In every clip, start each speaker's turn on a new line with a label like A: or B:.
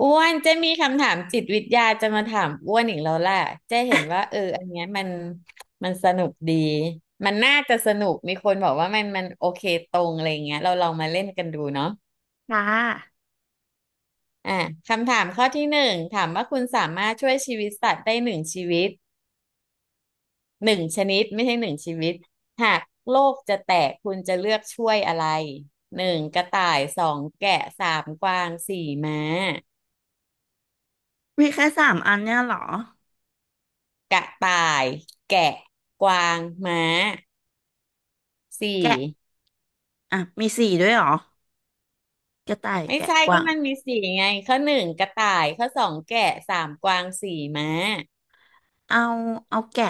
A: อ้วนเจ๊มีคำถามจิตวิทยาจะมาถามอ้วนอีกแล้วแหละเจ๊เห็นว่าอันเนี้ยมันสนุกดี มันน่าจะสนุกมีคนบอกว่ามันโอเคตรงอะไรเงี้ยเราลองมาเล่นกันดูเนาะ
B: ค่ะ
A: อ่ะคำถามข้อที่หนึ่งถามว่าคุณสามารถช่วยชีวิตสัตว์ได้หนึ่งชีวิตหนึ่งชนิดไม่ใช่หนึ่งชีวิต หากโลกจะแตกคุณจะเลือกช่วยอะไรหนึ่งกระต่ายสองแกะสามกวางสี่ม้า
B: มีแค่สามอันเนี่ยเหรอ
A: กระต่ายแกะกวางม้า สี่
B: แกะอ่ะมีสี่ด้วยเหรอกระต่าย
A: ไม่
B: แกะ
A: ใช่
B: ก
A: ก็
B: วาง
A: มันมีสี่ไงข้อหนึ่งกระต่ายข้อสองแกะสามกวางสี่ม้า
B: เอาเอาแกะ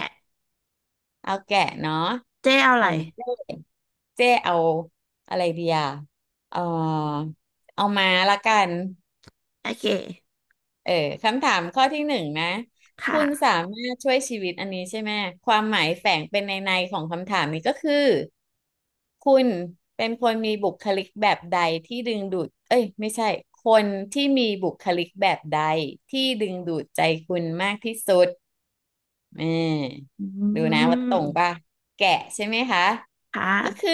A: เอาแกะเนาะ
B: เจ๊เอาอะ
A: ข
B: ไร
A: องเจ้เจ้เอาอะไรดีอ่ะเออเอาม้าละกัน
B: โอเค
A: เออคำถามข้อที่หนึ่งนะคุณ
B: ค่ะ
A: สามารถช่วยชีวิตอันนี้ใช่ไหมความหมายแฝงเป็นในของคำถามนี้ก็คือคุณเป็นคนมีบุคลิกแบบใดที่ดึงดูดเอ้ยไม่ใช่คนที่มีบุคลิกแบบใดที่ดึงดูดใจคุณมากที่สุดเออ
B: อื
A: ดูนะว่าต
B: ม
A: รงป่ะแกะใช่ไหมคะ
B: ค่ะ
A: ก็คือ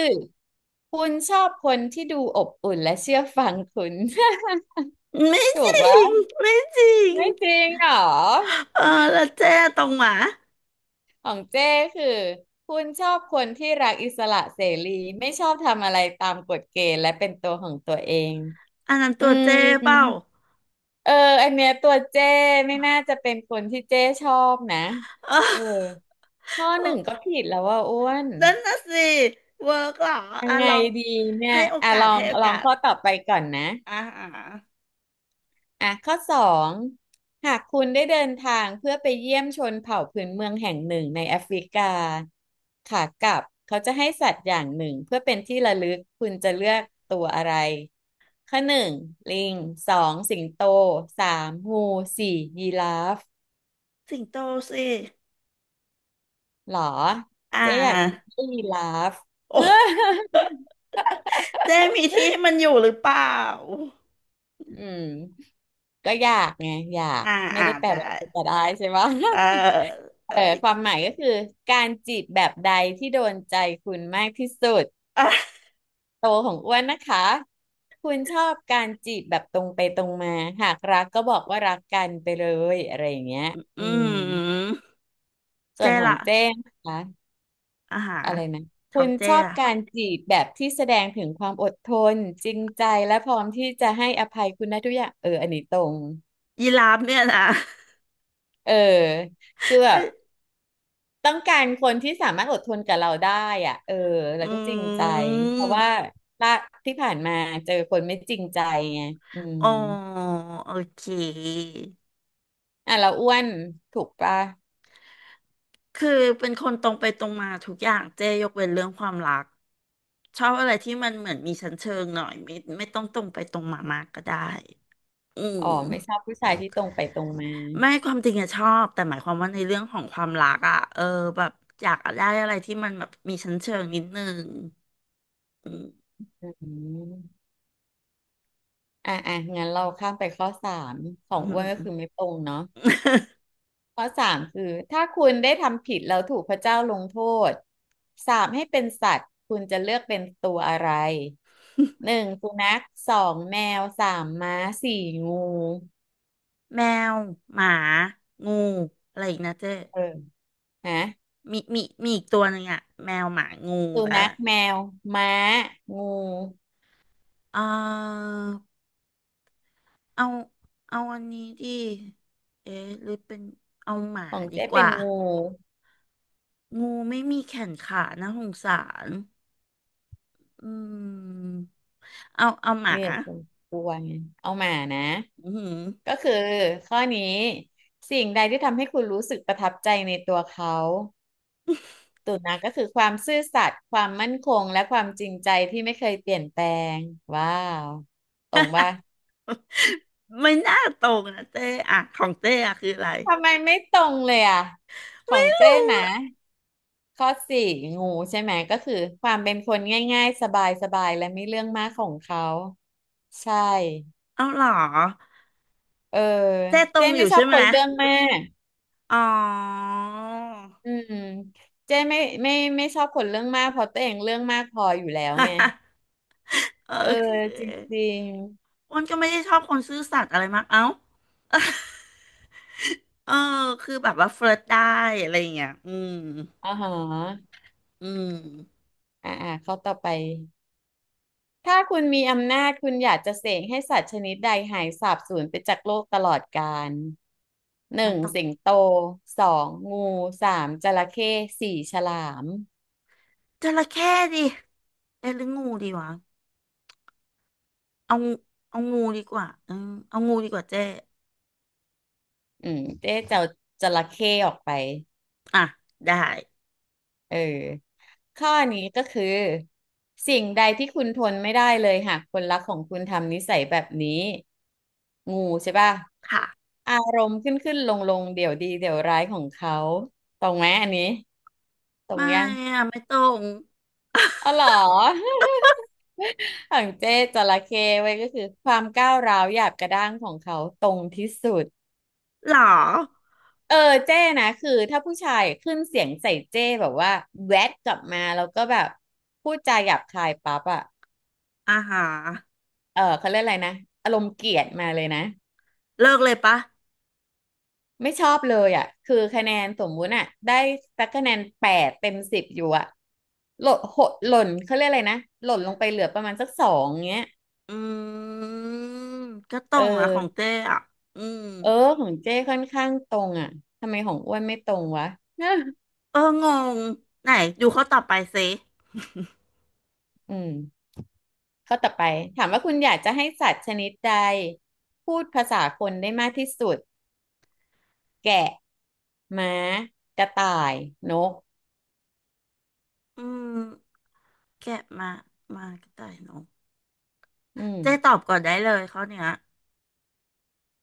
A: คุณชอบคนที่ดูอบอุ่นและเชื่อฟังคุณ
B: ไม่ จ
A: ถูก
B: ริง
A: ปะ
B: ไม่จริง
A: ไม่จริงเหรอ
B: เออแล้วเจ๊ตรงหมา
A: ของเจ้คือคุณชอบคนที่รักอิสระเสรีไม่ชอบทำอะไรตามกฎเกณฑ์และเป็นตัวของตัวเอง
B: อันนั้น
A: อื
B: ตัว
A: ม
B: เจ๊เปล่า
A: เอออันเนี้ยตัวเจ้ไม่น่าจะเป็นคนที่เจ้ชอบนะ
B: เออ
A: เออข้อ
B: เอ้
A: หนึ่ง ก็ผิดแล้วว่าอ้วน
B: นั่นน่ะสิเวิร์กเหรอ
A: ยั
B: อ่ะ
A: งไง
B: ลอง
A: ดีเนี่
B: ให้
A: ย
B: โอ
A: อ่ะ
B: กาสให้โอ
A: ลอ
B: กา
A: ง
B: ส
A: ข้อต่อไปก่อนนะ
B: อ่า
A: อ่ะข้อสองหากคุณได้เดินทางเพื่อไปเยี่ยมชนเผ่าพื้นเมืองแห่งหนึ่งในแอฟริกาขากลับเขาจะให้สัตว์อย่างหนึ่งเพื่อเป็นที่ระลึกคุณจะเลือกตัวอะไรข้อหนึ่งลิงสองสิงโตสามงูสี่ยีราฟ
B: สิงโตสิ
A: หรอ
B: อ่
A: เจ๊อยาก
B: า
A: ได้ยีราฟ
B: โอ ้ เจ๊มีที่ให้มันอยู่หรือเปล่า
A: อืมก็อยากไงอยาก
B: อ่า
A: ไม่
B: อ่า
A: ได้แปล
B: ได้
A: ว่าจะได้ใช่ไหม
B: เออเออ
A: เออความหมายก็คือการจีบแบบใดที่โดนใจคุณมากที่สุดโตของอ้วนนะคะคุณชอบการจีบแบบตรงไปตรงมาหากรักก็บอกว่ารักกันไปเลยอะไรอย่างเงี้ย
B: อื
A: อืม
B: ม
A: ส่วน
B: เจ๊
A: ของ
B: ล่ะ
A: เจ้งนะคะ
B: อาหาร
A: อะไรนะ
B: ข
A: คุ
B: อง
A: ณ
B: เจ๊
A: ชอบ
B: ล่ะ
A: การจีบแบบที่แสดงถึงความอดทนจริงใจและพร้อมที่จะให้อภัยคุณนะทุกอย่างอันนี้ตรง
B: ยีราฟเนี่ยนะ
A: เออคือแบ
B: เอ้
A: บ
B: ย
A: ต้องการคนที่สามารถอดทนกับเราได้อ่ะเออแล้
B: อื
A: วก็จริงใจเพราะว่า
B: ม
A: ละที่ผ่านมาเจอคนไม่จริงใจไงอืม
B: อ๋อโอเค
A: อ่ะเราอ้วนถูกปะ
B: คือเป็นคนตรงไปตรงมาทุกอย่าง เจ๊ยกเว้นเรื่องความรัก ชอบอะไรที่มันเหมือนมีชั้นเชิงหน่อยไม่ต้องตรงไปตรงมามากก็ได้ อื
A: อ๋อไม่ช
B: ม
A: อบผู้ชายที่ตรงไปตรงมา
B: ไม่ความจริงอะชอบแต่หมายความว่าในเรื่องของความรักอะเออแบบอยากได้อะไรที่มันแบบมีชั้นเชิงนิดนึงอืม
A: อืมอ่ะอ่ะงั้นเราข้ามไปข้อสามข
B: อื
A: องอ้วนก็
B: ม
A: คือไม่ตรงเนาะ ข้อสามคือถ้าคุณได้ทำผิดแล้วถูกพระเจ้าลงโทษสาปให้เป็นสัตว์คุณจะเลือกเป็นตัวอะไรหนึ่งสุนัขสองแมวสามม้าสี่งู
B: แมวหมางูอะไรอีกนะเจ๊
A: เออนะ
B: มีอีกตัวหนึ่งอะแมวหมางู
A: สุ
B: แล้ว
A: นัข
B: ล่ะ
A: แมวม้างู
B: เออเอาเอาอันนี้ดิเอ๊ะหรือเป็นเอาหมา
A: ของ
B: ดี
A: เจ๊
B: ก
A: เป็น
B: ว่า
A: งู
B: งูไม่มีแขนขานะสงสารอืมเอาหมา
A: เนี่ยคุณกลัวไงเอามานะ
B: อื
A: ก็
B: ม
A: คือข้อนี้สิ่งใดที่ทำให้คุณรู้สึกประทับใจในตัวเขา ตุนะก็คือความซื่อสัตย์ความมั่นคงและความจริงใจที่ไม่เคยเปลี่ยนแปลงว้าวตรงป่ะ
B: ไม่น่าตรงนะเจ๊อ่ะของเจ๊อะคืออะไร
A: ทำไมไม่ตรงเลยอ่ะขอ
B: ไม่
A: ง
B: รู้
A: เจ้นะ
B: อะ
A: ข้อสี่งูใช่ไหมก็คือความเป็นคนง่ายๆสบายๆและไม่เรื่องมากของเขาใช่
B: เอาเหรอ
A: เออ
B: เจ๊ตร
A: เจ้
B: งอ
A: ไม่
B: ยู่
A: ชอ
B: ใช่
A: บ
B: ไห
A: ค
B: ม
A: นเรื่องมาก
B: อ๋อ
A: อืมเจ้ไม่ไม่ชอบคนเรื่องมากเพราะตัวเองเรื่องมากพออยู่แล้วไง
B: เออ
A: เออ
B: โอเค
A: จริง
B: อ้วนก็ไม่ได้ชอบคนซื่อสัตย์อะไรมากเอ้า เออคือแบบว่าเฟลิร์ตได้อะไรอย่างเงี้ยอืม
A: ๆอ๋าฮะ
B: อืม
A: อ่าข้อต่อไป ถ้าคุณมีอำนาจคุณอยากจะเสกให้สัตว์ชนิดใดหายสาบสูญไปจากโลกตลอดกาลหนึ่
B: มัน
A: ง
B: ต้อง
A: สิงโตสองงูสามจระเข้สี่ฉลาม
B: จระเข้ดิเอ๊ะหรืองูดีวะเอางูเอางูดีกว่าอืมเอางูดีกว่าเจ๊
A: อืมเจ๊จะเอาจระเข้ออกไป
B: อ่ะได้
A: เออข้อนี้ก็คือสิ่งใดที่คุณทนไม่ได้เลยหากคนรักของคุณทำนิสัยแบบนี้งูใช่ป่ะ
B: ค่ะ
A: อารมณ์ขึ้นขึ้นลงลงเดี๋ยวดีเดี๋ยวร้ายของเขาตรงไหมอันนี้ตรง
B: ไม่
A: ยัง
B: อะไม่ตรง
A: อ๋อเหรอ ของเจ๊จระเข้ไว้ยก็คือความก้าวร้าวหยาบกระด้างของเขาตรงที่สุด
B: หรอ
A: เออเจ๊นะคือถ้าผู้ชายขึ้นเสียงใส่เจ๊แบบว่าแวดกลับมาแล้วก็แบบพูดจาหยาบคายปั๊บอะ
B: อ่าฮะ
A: เขาเรียกอะไรนะอารมณ์เกลียดมาเลยนะ
B: เลิกเลยปะ
A: ไม่ชอบเลยอะคือคะแนนสมมุติอ่ะได้สักคะแนนแปดเต็มสิบอยู่อะหล่นหดหล่นเขาเรียกอะไรนะหล่นลงไปเหลือประมาณสักสองเงี้ย
B: อืมก็ตร
A: เอ
B: งนะของ
A: อ
B: เจ้อะอืม
A: เออ ของเจ้ค่อนข้างตรงอ่ะ ทำไมของอ้วนไม่ตรงวะ
B: เอองง ไหนดูเขาตอบไปสิ
A: อืมข้อต่อไป ถามว่าคุณอยากจะให้สัตว์ชนิดใดพูดภาษาคนได้มากที่สุด แกะม้ากระต่าย นก
B: อืมแกะมามากระต่ายน้อง
A: อืม
B: เจ๊ตอบก่อนได้เลยเขาเนี้ย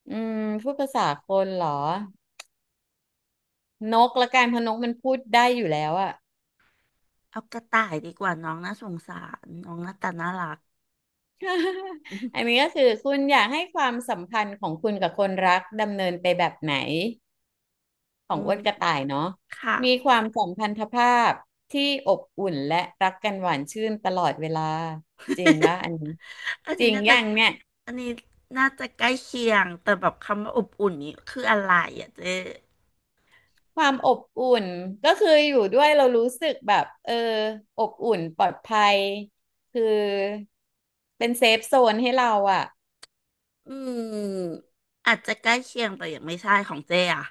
A: อืม พูดภาษาคนเหรอ นกละกันเพราะนกมันพูดได้อยู่แล้วอะ
B: เอากระต่ายดีกว่าน้องน่าสงสารน้องหน้าตาน่ารัก
A: อันนี้ก็คือคุณอยากให้ความสัมพันธ์ของคุณกับคนรักดำเนินไปแบบไหน ขอ
B: อื
A: งอ้
B: ม
A: วนกระต่ายเนาะ
B: ค่ะ
A: มีความสัมพันธภาพที่อบอุ่นและรักกันหวานชื่นตลอดเวลาจริงป่ะ อันนี้
B: อัน
A: จ
B: นี้
A: ริง
B: น่า
A: อ
B: จะ
A: ย่างเนี่ย
B: อันนี้น่าจะใกล้เคียงแต่แบบคำว่าอบอุ่นนี้คืออะไรอ่ะเจ๊
A: ความอบอุ่นก็คืออยู่ด้วยเรารู้สึกแบบอบอุ่นปลอดภัยคือเป็นเซฟโซนให้เราอ่ะ
B: อืมอาจจะใกล้เคียงแต่ยังไม่ใช่ของเจ๊อะ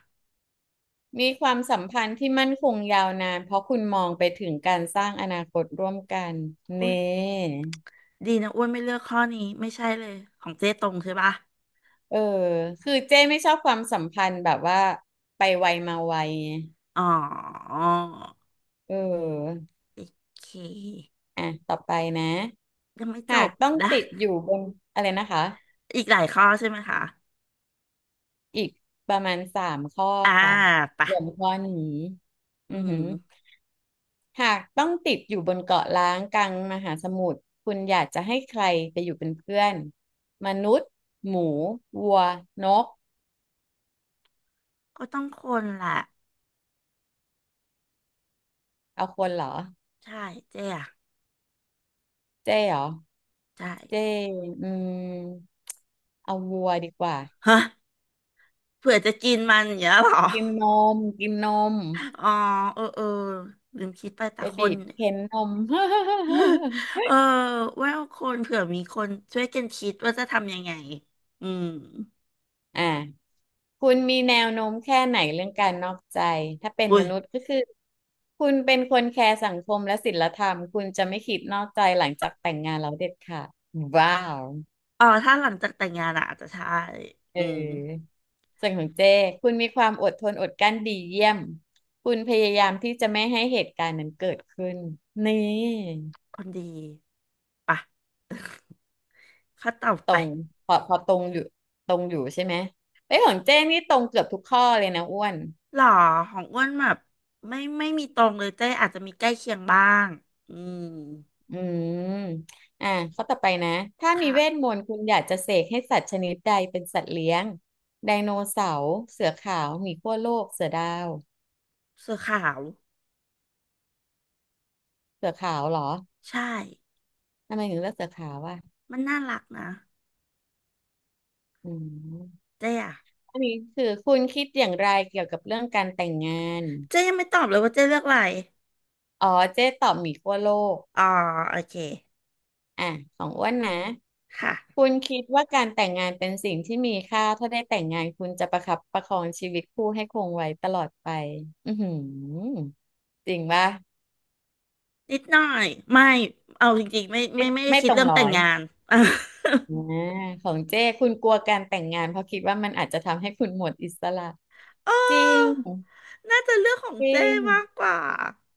A: มีความสัมพันธ์ที่มั่นคงยาวนานเพราะคุณมองไปถึงการสร้างอนาคตร่วมกัน
B: อุ้ย
A: นี่
B: ดีนะอ้วนไม่เลือกข้อนี้ไม่ใช่เลยของเจ๊ตรงใช่ปะ
A: เออคือเจ้ไม่ชอบความสัมพันธ์แบบว่าไปไวมาไวไง
B: อ๋อ
A: เออ
B: โอเค
A: อ่ะต่อไปนะ
B: ยังไม่จ
A: หา
B: บ
A: กต้อง
B: นะ
A: ติดอยู่บนอะไรนะคะ
B: อีกหลายข้อใช่ไหมคะ
A: อีกประมาณ3 ข้อ
B: อ่า
A: ค่ะ
B: ไปะ
A: รวมข้อนี้
B: อื
A: อือหือ
B: ม
A: หากต้องติดอยู่บนเกาะล้างกลางมหาสมุทรคุณอยากจะให้ใครไปอยู่เป็นเพื่อนมนุษย์หมูวัวนก
B: ก็ต้องคนแหละ
A: เอาคนเหรอ
B: ใช่เจ๊อะ
A: เจ๊เหรอ
B: ใช่
A: เจ๊อืมเอาวัวดีกว่า
B: ฮะเผื่อจะกินมันอย่างเงี้ยเหรอ
A: กินนมกินนม
B: อ๋อเออเออลืมคิดไปแต่
A: ไป
B: ค
A: บี
B: น
A: บเค้นนม
B: เออว่าคนเผื่อมีคนช่วยกันคิดว่าจะทำยังไงอืม
A: อ่ะคุณมีแนวโน้มแค่ไหนเรื่องการนอกใจ ถ้าเป็น
B: อุ้
A: ม
B: ย
A: นุษย์ก็คือ คุณเป็นคนแคร์สังคมและศีลธรรม คุณจะไม่คิดนอกใจหลังจากแต่งงานแล้วเด็ดขาดว้าว
B: อ๋อถ้าหลังจากแต่งงานอะอาจจะใช่
A: เ
B: อืม
A: ออส่วนของเจ้คุณมีความอดทนอดกลั้นดีเยี่ยมคุณพยายามที่จะไม่ให้เหตุการณ์นั้นเกิดขึ้นนี่
B: คนดีปะ ข้อต่อ
A: ตร
B: ไป
A: งพอตรงอยู่ตรงอยู่ใช่ไหมเอ้ยของเจ้นี่ตรงเกือบทุกข้อเลยนะอ้วน
B: หรอของอ้วนแบบไม่มีตรงเลยเจ้อาจจะมีใกล้เคียงบ้างอืม
A: อืมอ่ะข้อต่อไปนะถ้ามีเวทม
B: ค่ะ
A: นต์คุณอยากจะเสกให้สัตว์ชนิดใดเป็นสัตว์เลี้ยงไดโนเสาร์เสือขาวหมีขั้วโลกเสือดาว
B: เสื้อขาว
A: เสือขาวเหรอ
B: ใช่
A: ทำไมถึงเลือกเสือขาวอ่ะ
B: มันน่ารักนะ
A: อืม
B: เจ้อะ
A: อันนี้คือคุณคิดอย่างไรเกี่ยวกับเรื่องการแต่งงาน
B: เจ้ยังไม่ตอบเลยว่าเจ้เลือกอะไร
A: อ๋อเจ๊ตอบหมีขั้วโลก
B: อ๋อโอเค
A: อ่ะของอ้วนนะ
B: ค่ะ
A: คุณคิดว่าการแต่งงานเป็นสิ่งที่มีค่าถ้าได้แต่งงานคุณจะประคับประคองชีวิตคู่ให้คงไว้ตลอดไปอือหือจริงป่ะ
B: นิดหน่อย ไม่ เอาจริงๆไม่
A: ไม่
B: ไม่ไม่ได้
A: ไม่
B: คิ
A: ต
B: ด
A: รง
B: เรื่อง
A: ร้
B: แต่
A: อ
B: ง
A: ย
B: งาน
A: อ่าของเจ้คุณกลัวการแต่งงานเพราะคิดว่ามันอาจจะทำให้คุณหมดอิสระ
B: เออ
A: จริง
B: น่าจะเรื่องของ
A: จริ
B: เจ้
A: ง
B: มากกว่า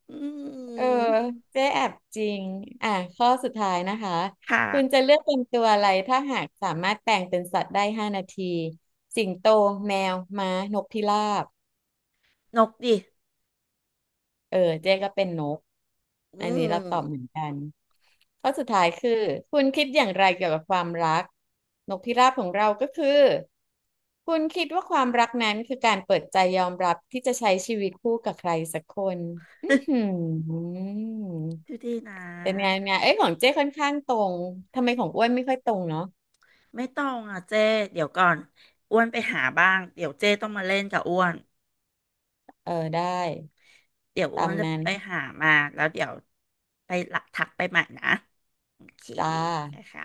B: อื
A: เออ
B: ม
A: เจ๊แอบจริงอ่ะข้อสุดท้ายนะคะ
B: ค่ะ
A: คุณจะเลือกเป็นตัวอะไรถ้าหากสามารถแปลงเป็นสัตว์ได้5 นาทีสิงโตแมวม้านกพิราบ
B: นกดิ
A: เออเจ๊ก็เป็นนก
B: อื
A: อัน
B: ม
A: นี้เราตอบเหมือนกันข้อสุดท้ายคือคุณคิดอย่างไรเกี่ยวกับความรักนกพิราบของเราก็คือคุณคิดว่าความรักนั้นคือการเปิดใจยอมรับที่จะใช้ชีวิตคู่กับใครสักคนอือห ือ
B: ดูดีนะ
A: เป็นไงเป็นไงเอ้ยของเจ้ค่อนข้างตรง ทำไมของอ้วนไม่ค่อยตรงเนาะ
B: ไม่ต้องอ่ะเจ้เดี๋ยวก่อนอ้วนไปหาบ้างเดี๋ยวเจ้ต้องมาเล่นกับอ้วน
A: เออได้
B: เดี๋ยวอ้
A: ตา
B: ว
A: ม
B: นจะ
A: นั้น
B: ไปหามาแล้วเดี๋ยวไปหลักทักไปใหม่นะโอเค
A: จ้า
B: นะคะ